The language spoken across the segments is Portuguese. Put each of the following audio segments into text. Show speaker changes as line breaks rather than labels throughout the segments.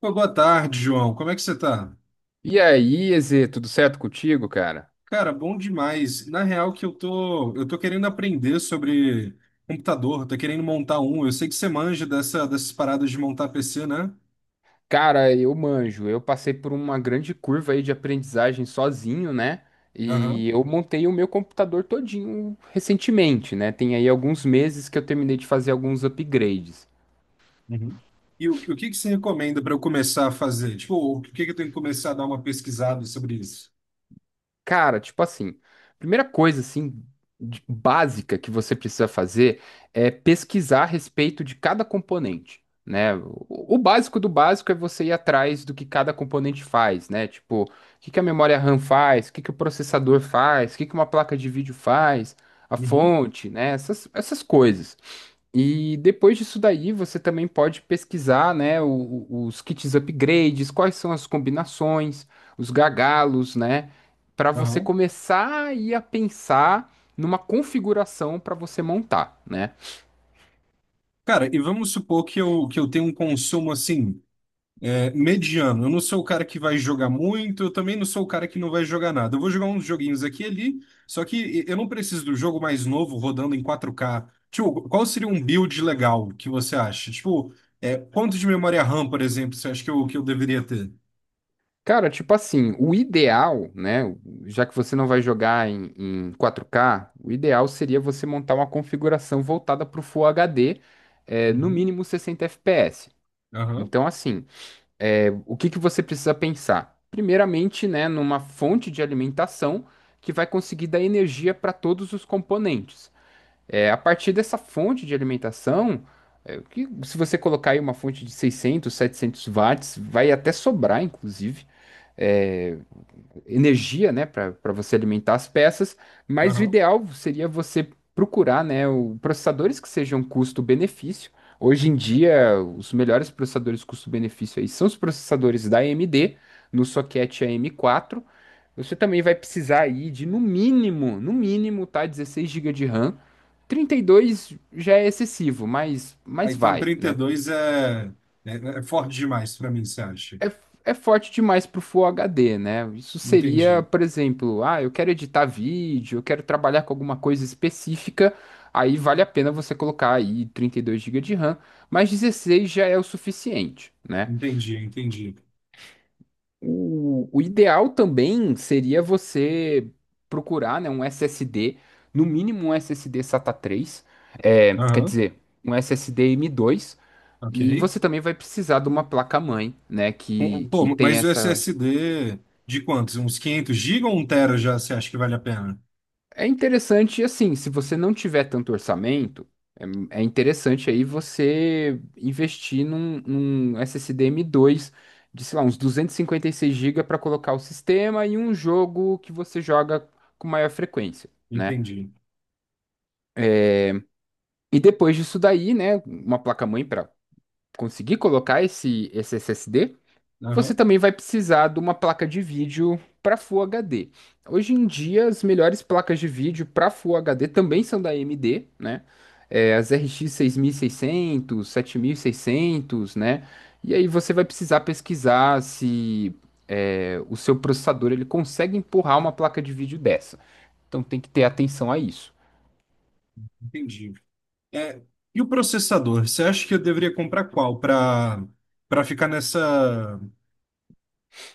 Pô, boa tarde, João. Como é que você tá?
E aí, Eze, tudo certo contigo, cara?
Cara, bom demais. Na real que eu tô querendo aprender sobre computador, tô querendo montar um. Eu sei que você manja dessas paradas de montar PC, né?
Cara, eu manjo. Eu passei por uma grande curva aí de aprendizagem sozinho, né? E
Aham.
eu montei o meu computador todinho recentemente, né? Tem aí alguns meses que eu terminei de fazer alguns upgrades.
Uhum. E o que que você recomenda para eu começar a fazer? Tipo, o que que eu tenho que começar a dar uma pesquisada sobre isso?
Cara, tipo assim, primeira coisa assim básica que você precisa fazer é pesquisar a respeito de cada componente, né? O básico do básico é você ir atrás do que cada componente faz, né? Tipo, o que que a memória RAM faz, o que que o processador faz, o que que uma placa de vídeo faz, a
Uhum.
fonte, né? Essas coisas. E depois disso daí, você também pode pesquisar, né, os kits upgrades, quais são as combinações, os gagalos, né, para você
Aham.
começar aí a pensar numa configuração para você montar, né?
Cara, e vamos supor que eu tenho um consumo assim. É, mediano. Eu não sou o cara que vai jogar muito, eu também não sou o cara que não vai jogar nada. Eu vou jogar uns joguinhos aqui e ali, só que eu não preciso do jogo mais novo rodando em 4K. Tipo, qual seria um build legal que você acha? Tipo, é, quanto de memória RAM, por exemplo, você acha que eu deveria ter?
Cara, tipo assim, o ideal, né, já que você não vai jogar em, 4K, o ideal seria você montar uma configuração voltada para o Full HD, no
Uhum.
mínimo 60 FPS.
Aham,
Então, assim. O que que você precisa pensar? Primeiramente, né, numa fonte de alimentação que vai conseguir dar energia para todos os componentes. É, a partir dessa fonte de alimentação, que, se você colocar aí uma fonte de 600, 700 watts, vai até sobrar, inclusive. É, energia, né, para você alimentar as peças, mas o
aham.
ideal seria você procurar, né, processadores que sejam custo-benefício. Hoje em dia, os melhores processadores custo-benefício aí são os processadores da AMD, no socket AM4. Você também vai precisar aí de, no mínimo, no mínimo, tá, 16 GB de RAM. 32 já é excessivo, mas,
Ah,
mas
então
vai, né?
32 é, é forte demais pra mim, você acha?
é, é forte demais pro Full HD, né? Isso seria,
Entendi,
por exemplo, ah, eu quero editar vídeo, eu quero trabalhar com alguma coisa específica, aí vale a pena você colocar aí 32 gigas de RAM, mas 16 já é o suficiente, né?
entendi, entendi.
O ideal também seria você procurar, né, um SSD, no mínimo um SSD SATA 3, quer
Aham,
dizer, um SSD M2.
ok.
E você também vai precisar de uma placa-mãe, né, que,
Pô,
que tem
mas o
essa.
SSD de quantos? Uns 500 gigas, ou 1 TB já você acha que vale a pena?
É interessante, assim, se você não tiver tanto orçamento, é, é interessante aí você investir num SSD M2 de, sei lá, uns 256 GB para colocar o sistema e um jogo que você joga com maior frequência, né?
Entendi.
E depois disso daí, né, uma placa-mãe para conseguir colocar esse SSD, você
Aham,
também vai precisar de uma placa de vídeo para Full HD. Hoje em dia, as melhores placas de vídeo para Full HD também são da AMD, né? É, as RX 6600, 7600, né? E aí você vai precisar pesquisar se o seu processador ele consegue empurrar uma placa de vídeo dessa. Então tem que ter atenção a isso.
entendi. É, e o processador? Você acha que eu deveria comprar qual para ficar nessa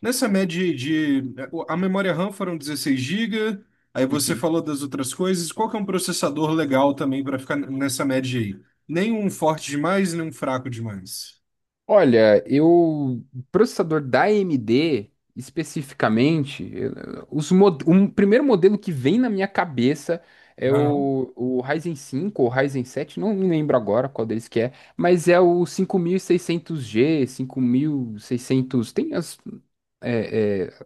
nessa média de a memória RAM foram 16 GB, aí você
Uhum.
falou das outras coisas. Qual que é um processador legal também para ficar nessa média aí? Nem um forte demais, nem um fraco demais.
Olha, eu processador da AMD especificamente, um primeiro modelo que vem na minha cabeça é
Aham.
o Ryzen 5, ou Ryzen 7, não me lembro agora qual deles que é, mas é o cinco mil e seiscentos g 5600, tem as, é, é,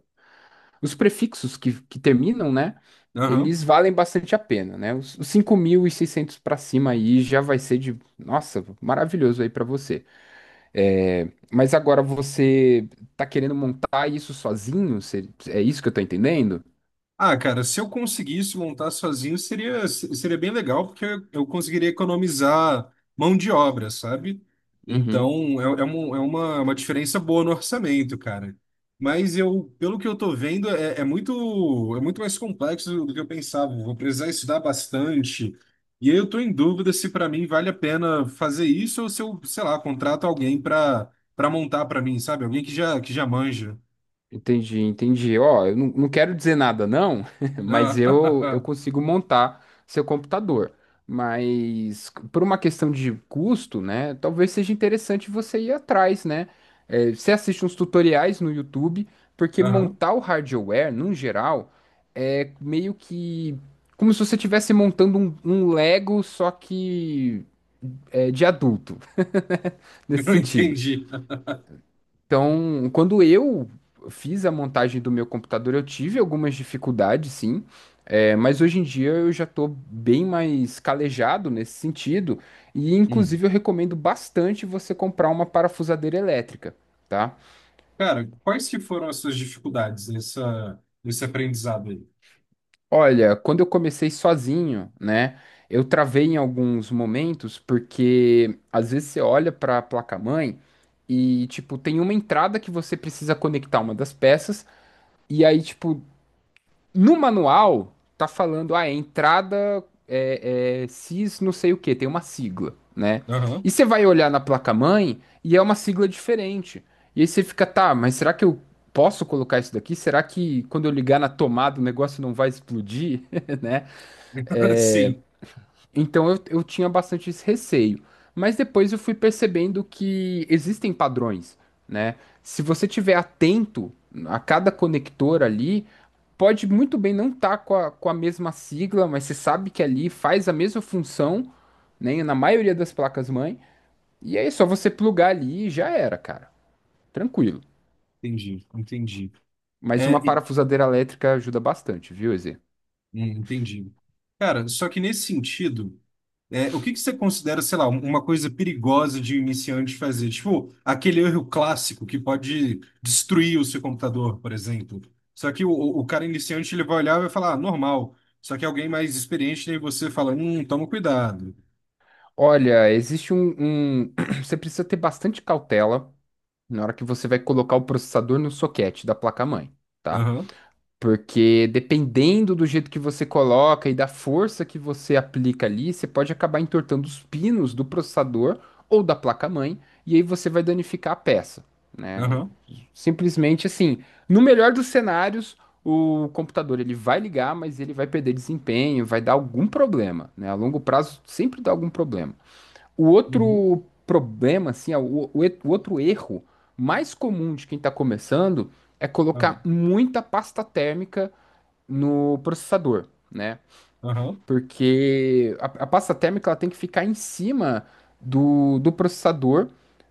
os prefixos que terminam, né?
Aham.
Eles valem bastante a pena, né? Os 5600 para cima aí já vai ser de, nossa, maravilhoso aí para você. É, mas agora você tá querendo montar isso sozinho? É isso que eu tô entendendo?
Ah, cara, se eu conseguisse montar sozinho, seria, se- seria bem legal, porque eu conseguiria economizar mão de obra, sabe?
Uhum.
Então, é uma diferença boa no orçamento, cara. Mas eu, pelo que eu tô vendo, é muito mais complexo do que eu pensava. Vou precisar estudar bastante. E aí eu tô em dúvida se para mim vale a pena fazer isso ou se eu, sei lá, contrato alguém para montar para mim, sabe? Alguém que já manja.
Entendi, entendi. Ó, eu não, não quero dizer nada, não, mas eu
Ah,
consigo montar seu computador. Mas por uma questão de custo, né? Talvez seja interessante você ir atrás, né? É, você assiste uns tutoriais no YouTube, porque
aham.
montar o hardware, num geral, é meio que como se você estivesse montando um, Lego, só que de adulto, nesse
Eu
sentido.
entendi.
Então, quando eu fiz a montagem do meu computador, eu tive algumas dificuldades, sim. É, mas hoje em dia eu já estou bem mais calejado nesse sentido, e
Hum.
inclusive eu recomendo bastante você comprar uma parafusadeira elétrica, tá?
Cara, quais que foram as suas dificuldades nesse aprendizado aí?
Olha, quando eu comecei sozinho, né, eu travei em alguns momentos, porque às vezes você olha para a placa-mãe e, tipo, tem uma entrada que você precisa conectar uma das peças. E aí, tipo, no manual tá falando, ah, é entrada CIS não sei o que tem uma sigla, né?
Aham.
E você vai olhar na placa-mãe e é uma sigla diferente. E aí você fica, tá, mas será que eu posso colocar isso daqui? Será que quando eu ligar na tomada o negócio não vai explodir, né? É,
Sim,
então eu tinha bastante esse receio. Mas depois eu fui percebendo que existem padrões, né? Se você tiver atento a cada conector ali, pode muito bem não estar com a mesma sigla, mas você sabe que ali faz a mesma função, né? Na maioria das placas-mãe. E aí é só você plugar ali e já era, cara. Tranquilo.
entendi, entendi.
Mas
É.
uma parafusadeira elétrica ajuda bastante, viu, Eze?
Entendi. Cara, só que nesse sentido, o que que você considera, sei lá, uma coisa perigosa de um iniciante fazer? Tipo, aquele erro clássico que pode destruir o seu computador, por exemplo. Só que o cara iniciante, ele vai olhar e vai falar, ah, normal. Só que alguém mais experiente, aí você fala, toma cuidado.
Olha, existe um- Você precisa ter bastante cautela na hora que você vai colocar o processador no soquete da placa-mãe, tá?
Aham,
Porque dependendo do jeito que você coloca e da força que você aplica ali, você pode acabar entortando os pinos do processador ou da placa-mãe, e aí você vai danificar a peça, né?
aham,
Simplesmente assim, no melhor dos cenários, o computador ele vai ligar, mas ele vai perder desempenho, vai dar algum problema, né? A longo prazo sempre dá algum problema. O
uhum,
outro problema, assim, ó, o outro erro mais comum de quem está começando é colocar
aham.
muita pasta térmica no processador, né?
Aham.
Porque a pasta térmica ela tem que ficar em cima do processador,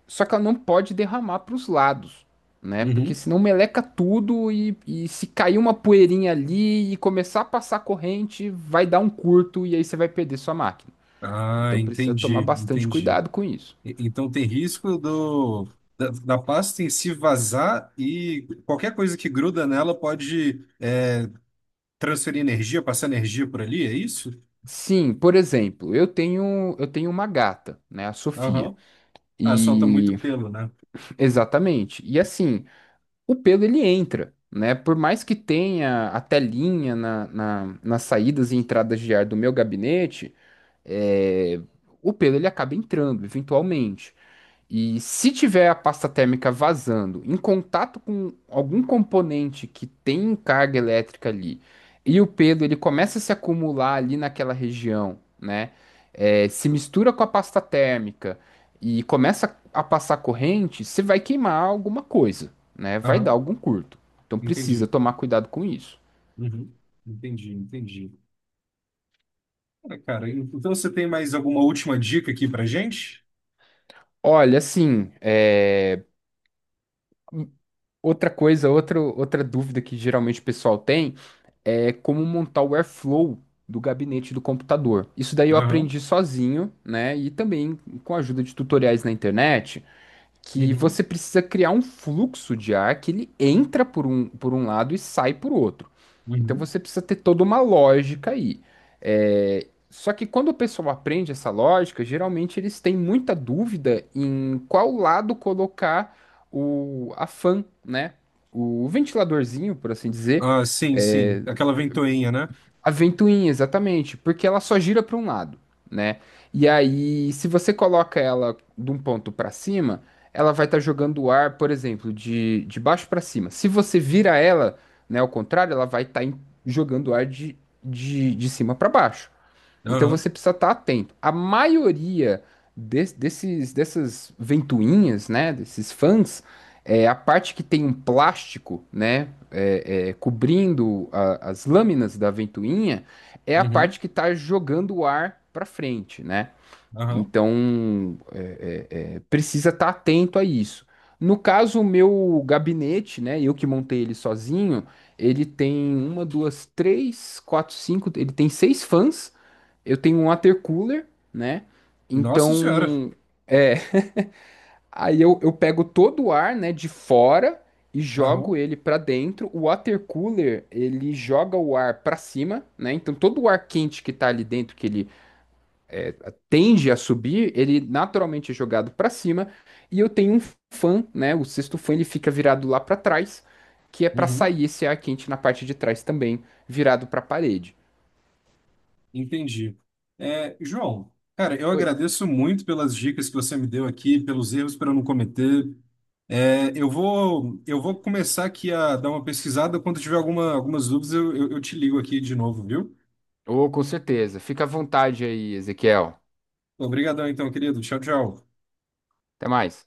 só que ela não pode derramar para os lados, né? Porque
Uhum.
senão meleca tudo e se cair uma poeirinha ali e começar a passar corrente, vai dar um curto e aí você vai perder sua máquina.
Ah,
Então precisa
entendi,
tomar bastante
entendi.
cuidado com isso.
Então tem risco da pasta em se vazar e qualquer coisa que gruda nela pode transferir energia, passar energia por ali, é isso?
Sim, por exemplo, eu tenho uma gata, né, a Sofia.
Aham. Ah, solta muito
E
pelo, né?
exatamente. E assim, o pelo ele entra, né? Por mais que tenha a telinha nas saídas e entradas de ar do meu gabinete, é, o pelo ele acaba entrando, eventualmente. E se tiver a pasta térmica vazando em contato com algum componente que tem carga elétrica ali, e o pelo ele começa a se acumular ali naquela região, né? É, se mistura com a pasta térmica e começa a passar corrente, você vai queimar alguma coisa, né? Vai dar
Aham.
algum curto. Então precisa
Entendi.
tomar cuidado com isso.
Uhum. Entendi, entendi. Ah, cara, então você tem mais alguma última dica aqui pra gente?
Olha, assim, outra coisa, outra dúvida que geralmente o pessoal tem. É como montar o Airflow do gabinete do computador. Isso daí eu
Aham.
aprendi sozinho, né? E também com a ajuda de tutoriais na internet, que
Uhum.
você precisa criar um fluxo de ar que ele entra por um, lado e sai por outro. Então
Uhum.
você precisa ter toda uma lógica aí. É, só que quando o pessoal aprende essa lógica, geralmente eles têm muita dúvida em qual lado colocar a fan, né? O ventiladorzinho, por assim dizer.
Ah, sim, sim.
É,
Aquela ventoinha, né?
a ventoinha, exatamente, porque ela só gira para um lado, né? E aí, se você coloca ela de um ponto para cima, ela vai estar jogando o ar, por exemplo, de baixo para cima. Se você vira ela, né, ao contrário, ela vai estar jogando o ar de cima para baixo. Então
Aham.
você precisa estar atento. A maioria dessas ventoinhas, né, desses fãs, a parte que tem um plástico, né, cobrindo as lâminas da ventoinha, é a
Uhum.
parte que está jogando o ar para frente, né?
Aham.
Então precisa estar atento a isso. No caso, o meu gabinete, né, eu que montei ele sozinho, ele tem uma, duas, três, quatro, cinco, ele tem seis fãs. Eu tenho um water cooler, né?
Nossa Senhora.
Então, aí eu pego todo o ar, né, de fora e jogo
Aham,
ele para dentro. O water cooler, ele joga o ar para cima, né? Então, todo o ar quente que tá ali dentro, que ele tende a subir, ele naturalmente é jogado para cima. E eu tenho um fã, né? O sexto fã, ele fica virado lá para trás, que é para
uhum,
sair esse ar quente na parte de trás também, virado para a parede.
entendi. É, João, cara, eu
Oi.
agradeço muito pelas dicas que você me deu aqui, pelos erros para eu não cometer. É, eu vou começar aqui a dar uma pesquisada. Quando tiver algumas dúvidas, eu te ligo aqui de novo, viu?
Ô, com certeza. Fica à vontade aí, Ezequiel.
Obrigadão, então, querido. Tchau, tchau.
Até mais.